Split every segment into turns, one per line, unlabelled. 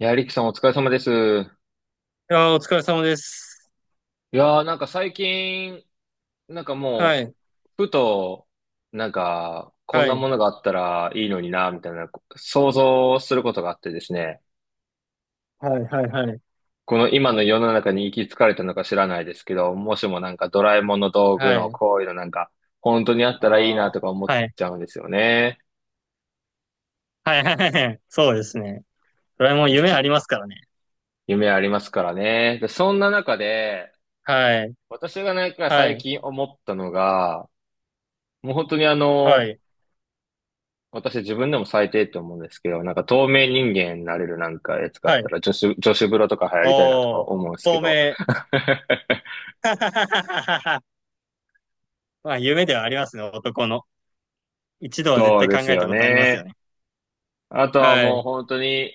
いや、リキさんお疲れ様です。
いやー、お疲れ様です。
なんか最近、なんか
は
も
い。
う、ふと、なんか、こん
は
な
い。
ものがあったらいいのにな、みたいな、想像することがあってですね、
はい。はい。はい。
この今の世の中に行き着かれたのか知らないですけど、もしもなんかドラえもんの道具
は
の
い。
こういうのなんか、本当にあっ
あ
たらいいな
あ。
とか思っ
はい。
ちゃうんですよね。
はい。はいはい。そうですね。ドラえもん夢
実
ありますからね。
夢ありますからね。で、そんな中で、
はい。
私がなんか
は
最
い。
近思ったのが、もう本当に
はい。
私自分でも最低って思うんですけど、なんか透明人間になれるなんかやつがあっ
はい。
たら女子風呂とか流行りたいなとか
おー。
思うんですけ
透
ど。
明。はははははまあ、夢ではありますね、男の。一度は絶
そう
対
で
考
す
えた
よ
ことありますよ
ね。
ね。
あとは
は
もう
い。
本当に、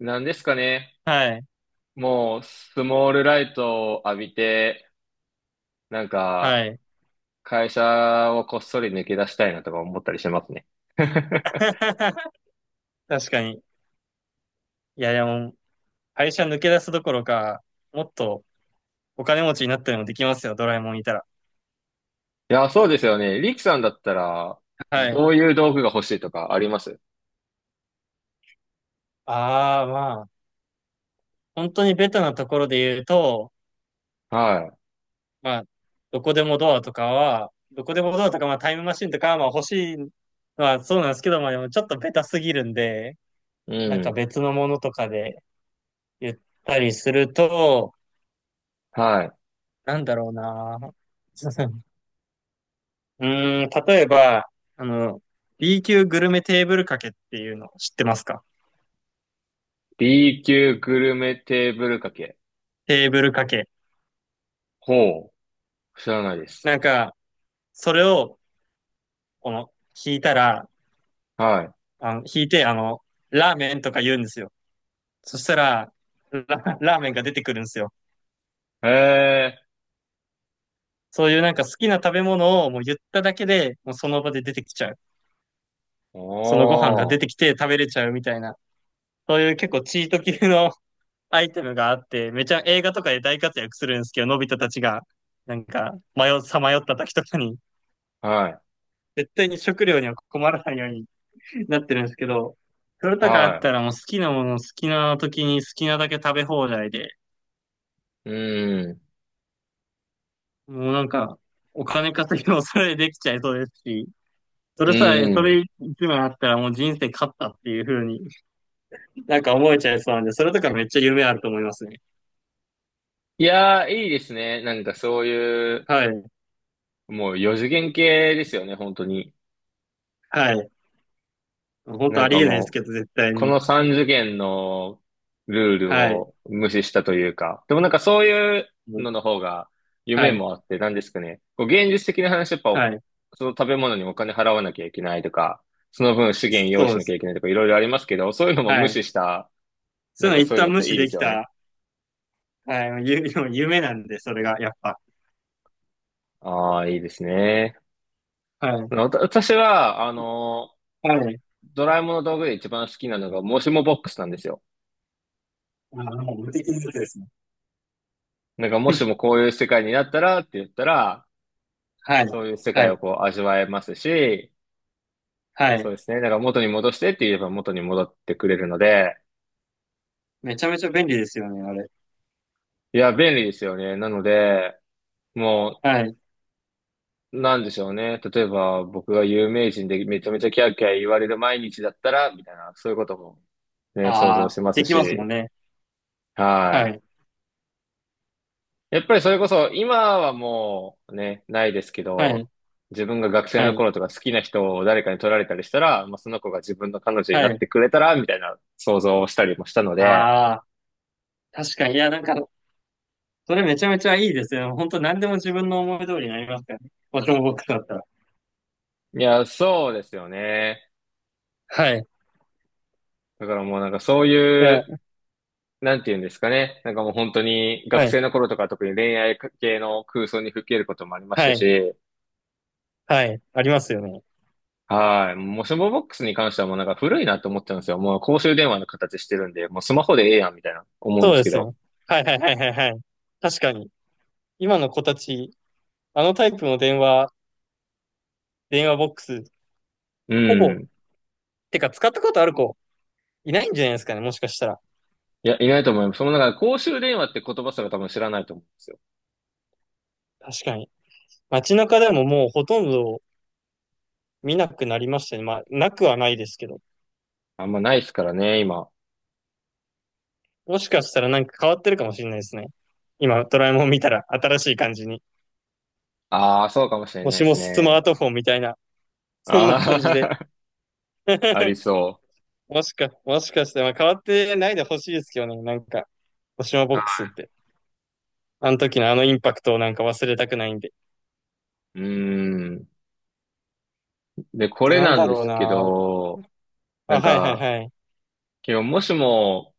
何ですかね。
はい。
もうスモールライトを浴びて、なんか
はい。
会社をこっそり抜け出したいなとか思ったりしますね。
確かに。いや、でも、会社抜け出すどころか、もっとお金持ちになったりもできますよ、ドラえもんいたら。
いや、そうですよね。リキさんだったら、
はい。
どういう道具が欲しいとかあります？
ああ、まあ。本当にベタなところで言うと、
は
まあ、どこでもドアとかは、どこでもドアとか、まあ、タイムマシンとかは、まあ、欲しいのはそうなんですけど、まあ、でもちょっとベタすぎるんで、
い。うん。
別のものとかで言ったりすると、
はい。
なんだろうな。うーん、例えば、あの、B 級グルメテーブルかけっていうの知ってますか？
B 級グルメテーブルかけ。
テーブルかけ。
ほう。知らないです。
なんか、それを、この、引いたら、
は
引いて、ラーメンとか言うんですよ。そしたら、ラ、ラーメンが出てくるんですよ。
い。へえ。
そういう好きな食べ物をもう言っただけで、もうその場で出てきちゃう。
お
そのご飯が出てき
ー。
て食べれちゃうみたいな。そういう結構チート級の アイテムがあって、めちゃ映画とかで大活躍するんですけど、のび太たちが、さまよった時とかに、
はい。
絶対に食料には困らないようになってるんですけど、それとかあっ
は
たらもう好きなもの好きな時に好きなだけ食べ放題で、
い。うん。
もうお金稼ぎもそれでできちゃいそうですし、
う
そ
ん。
れ一枚あったらもう人生勝ったっていう風に思えちゃいそうなんで、それとかめっちゃ夢あると思いますね。
いやー、いいですね。なんかそういう、
はい。
もう四次元系ですよね、本当に。
はい。本当
なん
あ
か
りえないです
もう、
けど、絶対
こ
に。
の3次元のルール
はい。
を無視したというか、でもなんかそういう
もう
のの方が
は
夢
い。
もあって、なんですかね、こう現実的な話、やっぱお
はい。
その食べ物にお金払わなきゃいけないとか、その分資源用意
そう
し
で
なきゃ
す。
いけないとかいろいろありますけど、そういうのも無
はい。
視した、
そ
な
う
んか
いうの
そ
一
ういうの
旦
っ
無
て
視
いいで
で
す
き
よね。
た、はい、夢なんで、それが、やっぱ。
ああ、いいですね。
はい。
私は、
はい。
ドラえもんの道具で一番好きなのが、もしもボックスなんですよ。
あ、もう無敵のやつですね。
なんか、もしも こういう世界になったらって言ったら、
はい。
そういう世
は
界を
い。
こう味わえますし、
は
そう
い。
ですね。だから元に戻してって言えば元に戻ってくれるので、
めちゃめちゃ便利ですよね、あれ。
いや、便利ですよね。なので、も
はい。
なんでしょうね。例えば、僕が有名人でめちゃめちゃキャーキャー言われる毎日だったら、みたいな、そういうこともね、想
あ
像し
あ、
てま
で
す
きますも
し、
んね。
は
は
い。
い。
やっぱりそれこそ、今はもうね、ないですけ
は
ど、
い。
自分が学生
は
の
い。
頃とか好きな人を誰かに取られたりしたら、まあ、その子が自分の彼女に
は
なっ
い。
てくれたら、みたいな想像をしたりもしたので、
ああ。確かに。いや、なんか、それめちゃめちゃいいですよ。本当何でも自分の思い通りになりますからね。ボトムボックスだったら。
いや、そうですよね。
はい。
だからもうなんかそうい
い
う、
や、
なんていうんですかね。なんかもう本当に
は
学
い。
生の頃とか特に恋愛系の空想に吹き入ることもありまし
は
た
い。
し、
はい。ありますよね。
はい。もうスマボックスに関してはもうなんか古いなと思ってたんですよ。もう公衆電話の形してるんで、もうスマホでええやんみたいな思うん
そ
で
う
す
で
け
すね。
ど。
はいはいはいはいはい。確かに。今の子たち、あのタイプの電話、電話ボックス、
う
ほぼ、
ん。
てか使ったことある子、いないんじゃないですかね。もしかしたら。
いや、いないと思います。そのなんか公衆電話って言葉すら多分知らないと思うんですよ。
確かに。街中でももうほとんど見なくなりましたね。まあ、なくはないですけど。
あんまないですからね、今。
もしかしたらなんか変わってるかもしれないですね。今、ドラえもん見たら新しい感じに。
ああ、そうかもしれ
も
ないで
しも
す
スマ
ね。
ートフォンみたいな、そんな
あ
感じで。
あ、あり そ
もしかして、まあ、変わってないでほしいですけどね、なんか、もしもボックスって。あの時のあのインパクトをなんか忘れたくないんで。
う。うーん。
あ
で、こ
と、
れ
なん
な
だ
んで
ろう
すけ
な。
ど、な
あ、
ん
はいはい
か、
はい。
今日もしも、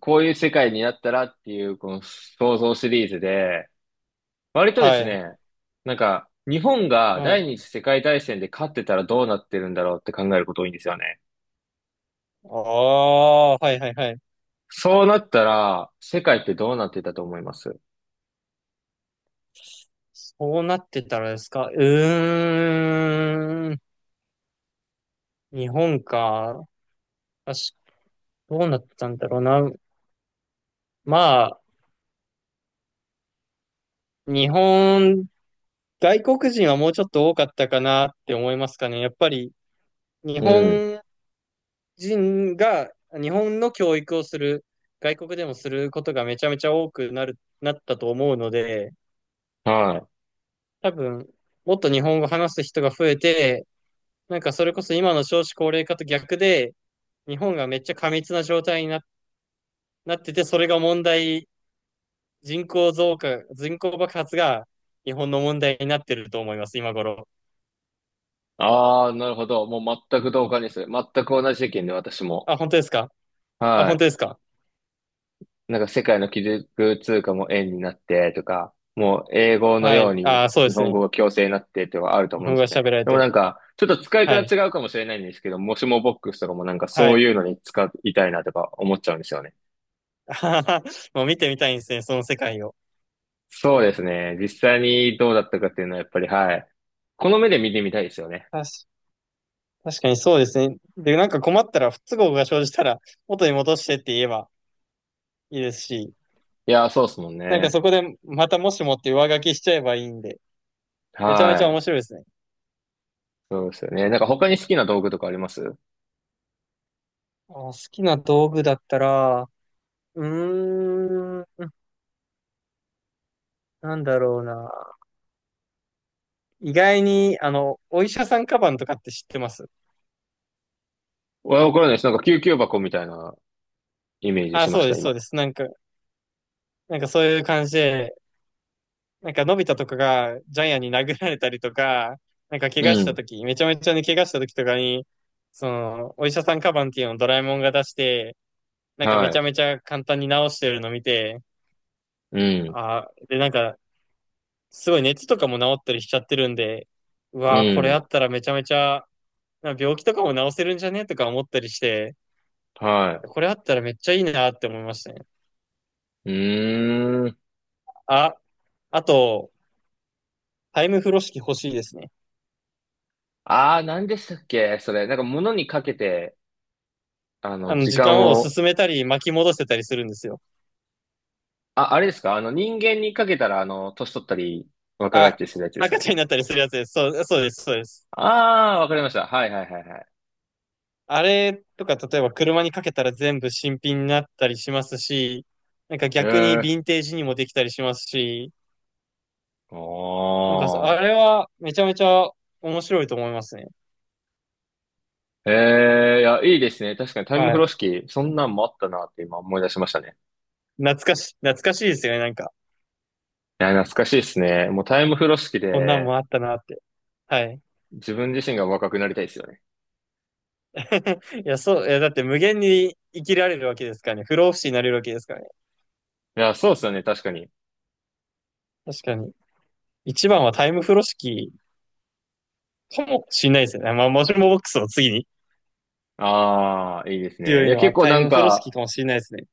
こういう世界になったらっていう、この想像シリーズで、割とで
は
す
い。
ね、なんか、日本が
は
第
い。
二次世界大戦で勝ってたらどうなってるんだろうって考えること多いんですよね。
ああ、はいはいはい。
そうなったら、世界ってどうなってたと思います？
そうなってたらですか？うーん。日本か。あし、どうなってたんだろうな。まあ、日本、外国人はもうちょっと多かったかなって思いますかね。やっぱり、日
うん。
本人が、日本の教育をする、外国でもすることがめちゃめちゃ多くなる、なったと思うので、
はい。
多分、もっと日本語話す人が増えて、なんかそれこそ今の少子高齢化と逆で、日本がめっちゃ過密な状態なってて、それが問題、人口増加、人口爆発が日本の問題になってると思います、今頃。
ああ、なるほど。もう全く同感です。全く同じ意見で私も。
あ、本当ですか？あ、
は
本
い。
当ですか？
なんか世界の基軸通貨も円になってとか、もう英語の
は
よう
い。
に
あ、そうで
日
す
本
ね。
語が強制になってとかあると
日
思うん
本
で
語
す
が
よね。
喋られ
でもな
て。
んか、ちょっと使い
はい。
方違うかもしれないんですけど、もしもボックスとかもなんか
は
そう
い。
いうのに使いたいなとか思っちゃうんですよね。
もう見てみたいんですね、その世界を。
そうですね。実際にどうだったかっていうのはやっぱり、はい。この目で見てみたいですよね。
確確かにそうですね。で、なんか困ったら不都合が生じたら元に戻してって言えばいいですし、
いやー、そうですもん
なんか
ね。
そこでまたもしもって上書きしちゃえばいいんで、めちゃめ
は
ちゃ
い。
面白いですね。
そうですよね。なんか他に好きな道具とかあります？
あ好きな道具だったら、うーん、なんだろうな。意外に、あの、お医者さんカバンとかって知ってます
わからないです。なんか救急箱みたいなイメージ
あ、
しま
そう
し
で
た、
す、そう
今。
です。なんか、なんかそういう感じで、のび太とかがジャイアンに殴られたりとか、なんか、怪我
う
した
ん。
時めちゃめちゃに怪我した時とかに、その、お医者さんカバンっていうのをドラえもんが出して、なんかめちゃ
は
めちゃ簡単に治してるの見て、
い。うん。
あで、なんか、すごい熱とかも治ったりしちゃってるんで、う
う
わー、これあ
ん。
ったらめちゃめちゃ、なんか病気とかも治せるんじゃねとか思ったりして、
は
これあったらめっちゃいいなって思いましたね。
い。うーん。
あ、あと、タイム風呂敷欲しいですね。
ああ、何でしたっけそれ。なんか物にかけて、あ
あ
の、
の、
時
時間
間
を
を、
進めたり巻き戻せたりするんですよ。
あ、あれですかあの、人間にかけたら、あの、年取ったり、若返った
あ、
りするやつですか
赤ちゃん
ね。
になったりするやつです。そう、そうです、そうです。
ああ、わかりました。はいはいはいはい。
あれとか、例えば車にかけたら全部新品になったりしますし、なんか逆にヴ
ええ
ィンテージにもできたりしますし、
ー。
なんかあ
お
れはめちゃめちゃ面白いと思いますね。
ー。ええいや、いいですね。確かにタイム
は
風呂
い。
敷、そんなんもあったなって今思い出しましたね。
懐かしいですよね、なんか。
いや、懐かしいですね。もうタイム風呂敷
こんなん
で、
もあったなって。はい。
自分自身が若くなりたいですよね。
いや、そう、いや、だって無限に生きられるわけですからね。不老不死になれるわけですからね。
いや、そうですよね。確かに。
確かに。一番はタイム風呂敷かもしれないですよね。まあ、もしもボックスを次に。
ああ、いいですね。
強
い
い
や、
の
結
は
構
タイ
なん
ム風呂敷
か、
かもしれないですね。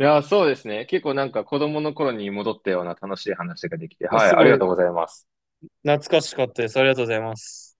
いやー、そうですね。結構なんか子供の頃に戻ったような楽しい話ができて、はい、
す
あり
ご
が
い
とうございます。
懐かしかったです。ありがとうございます。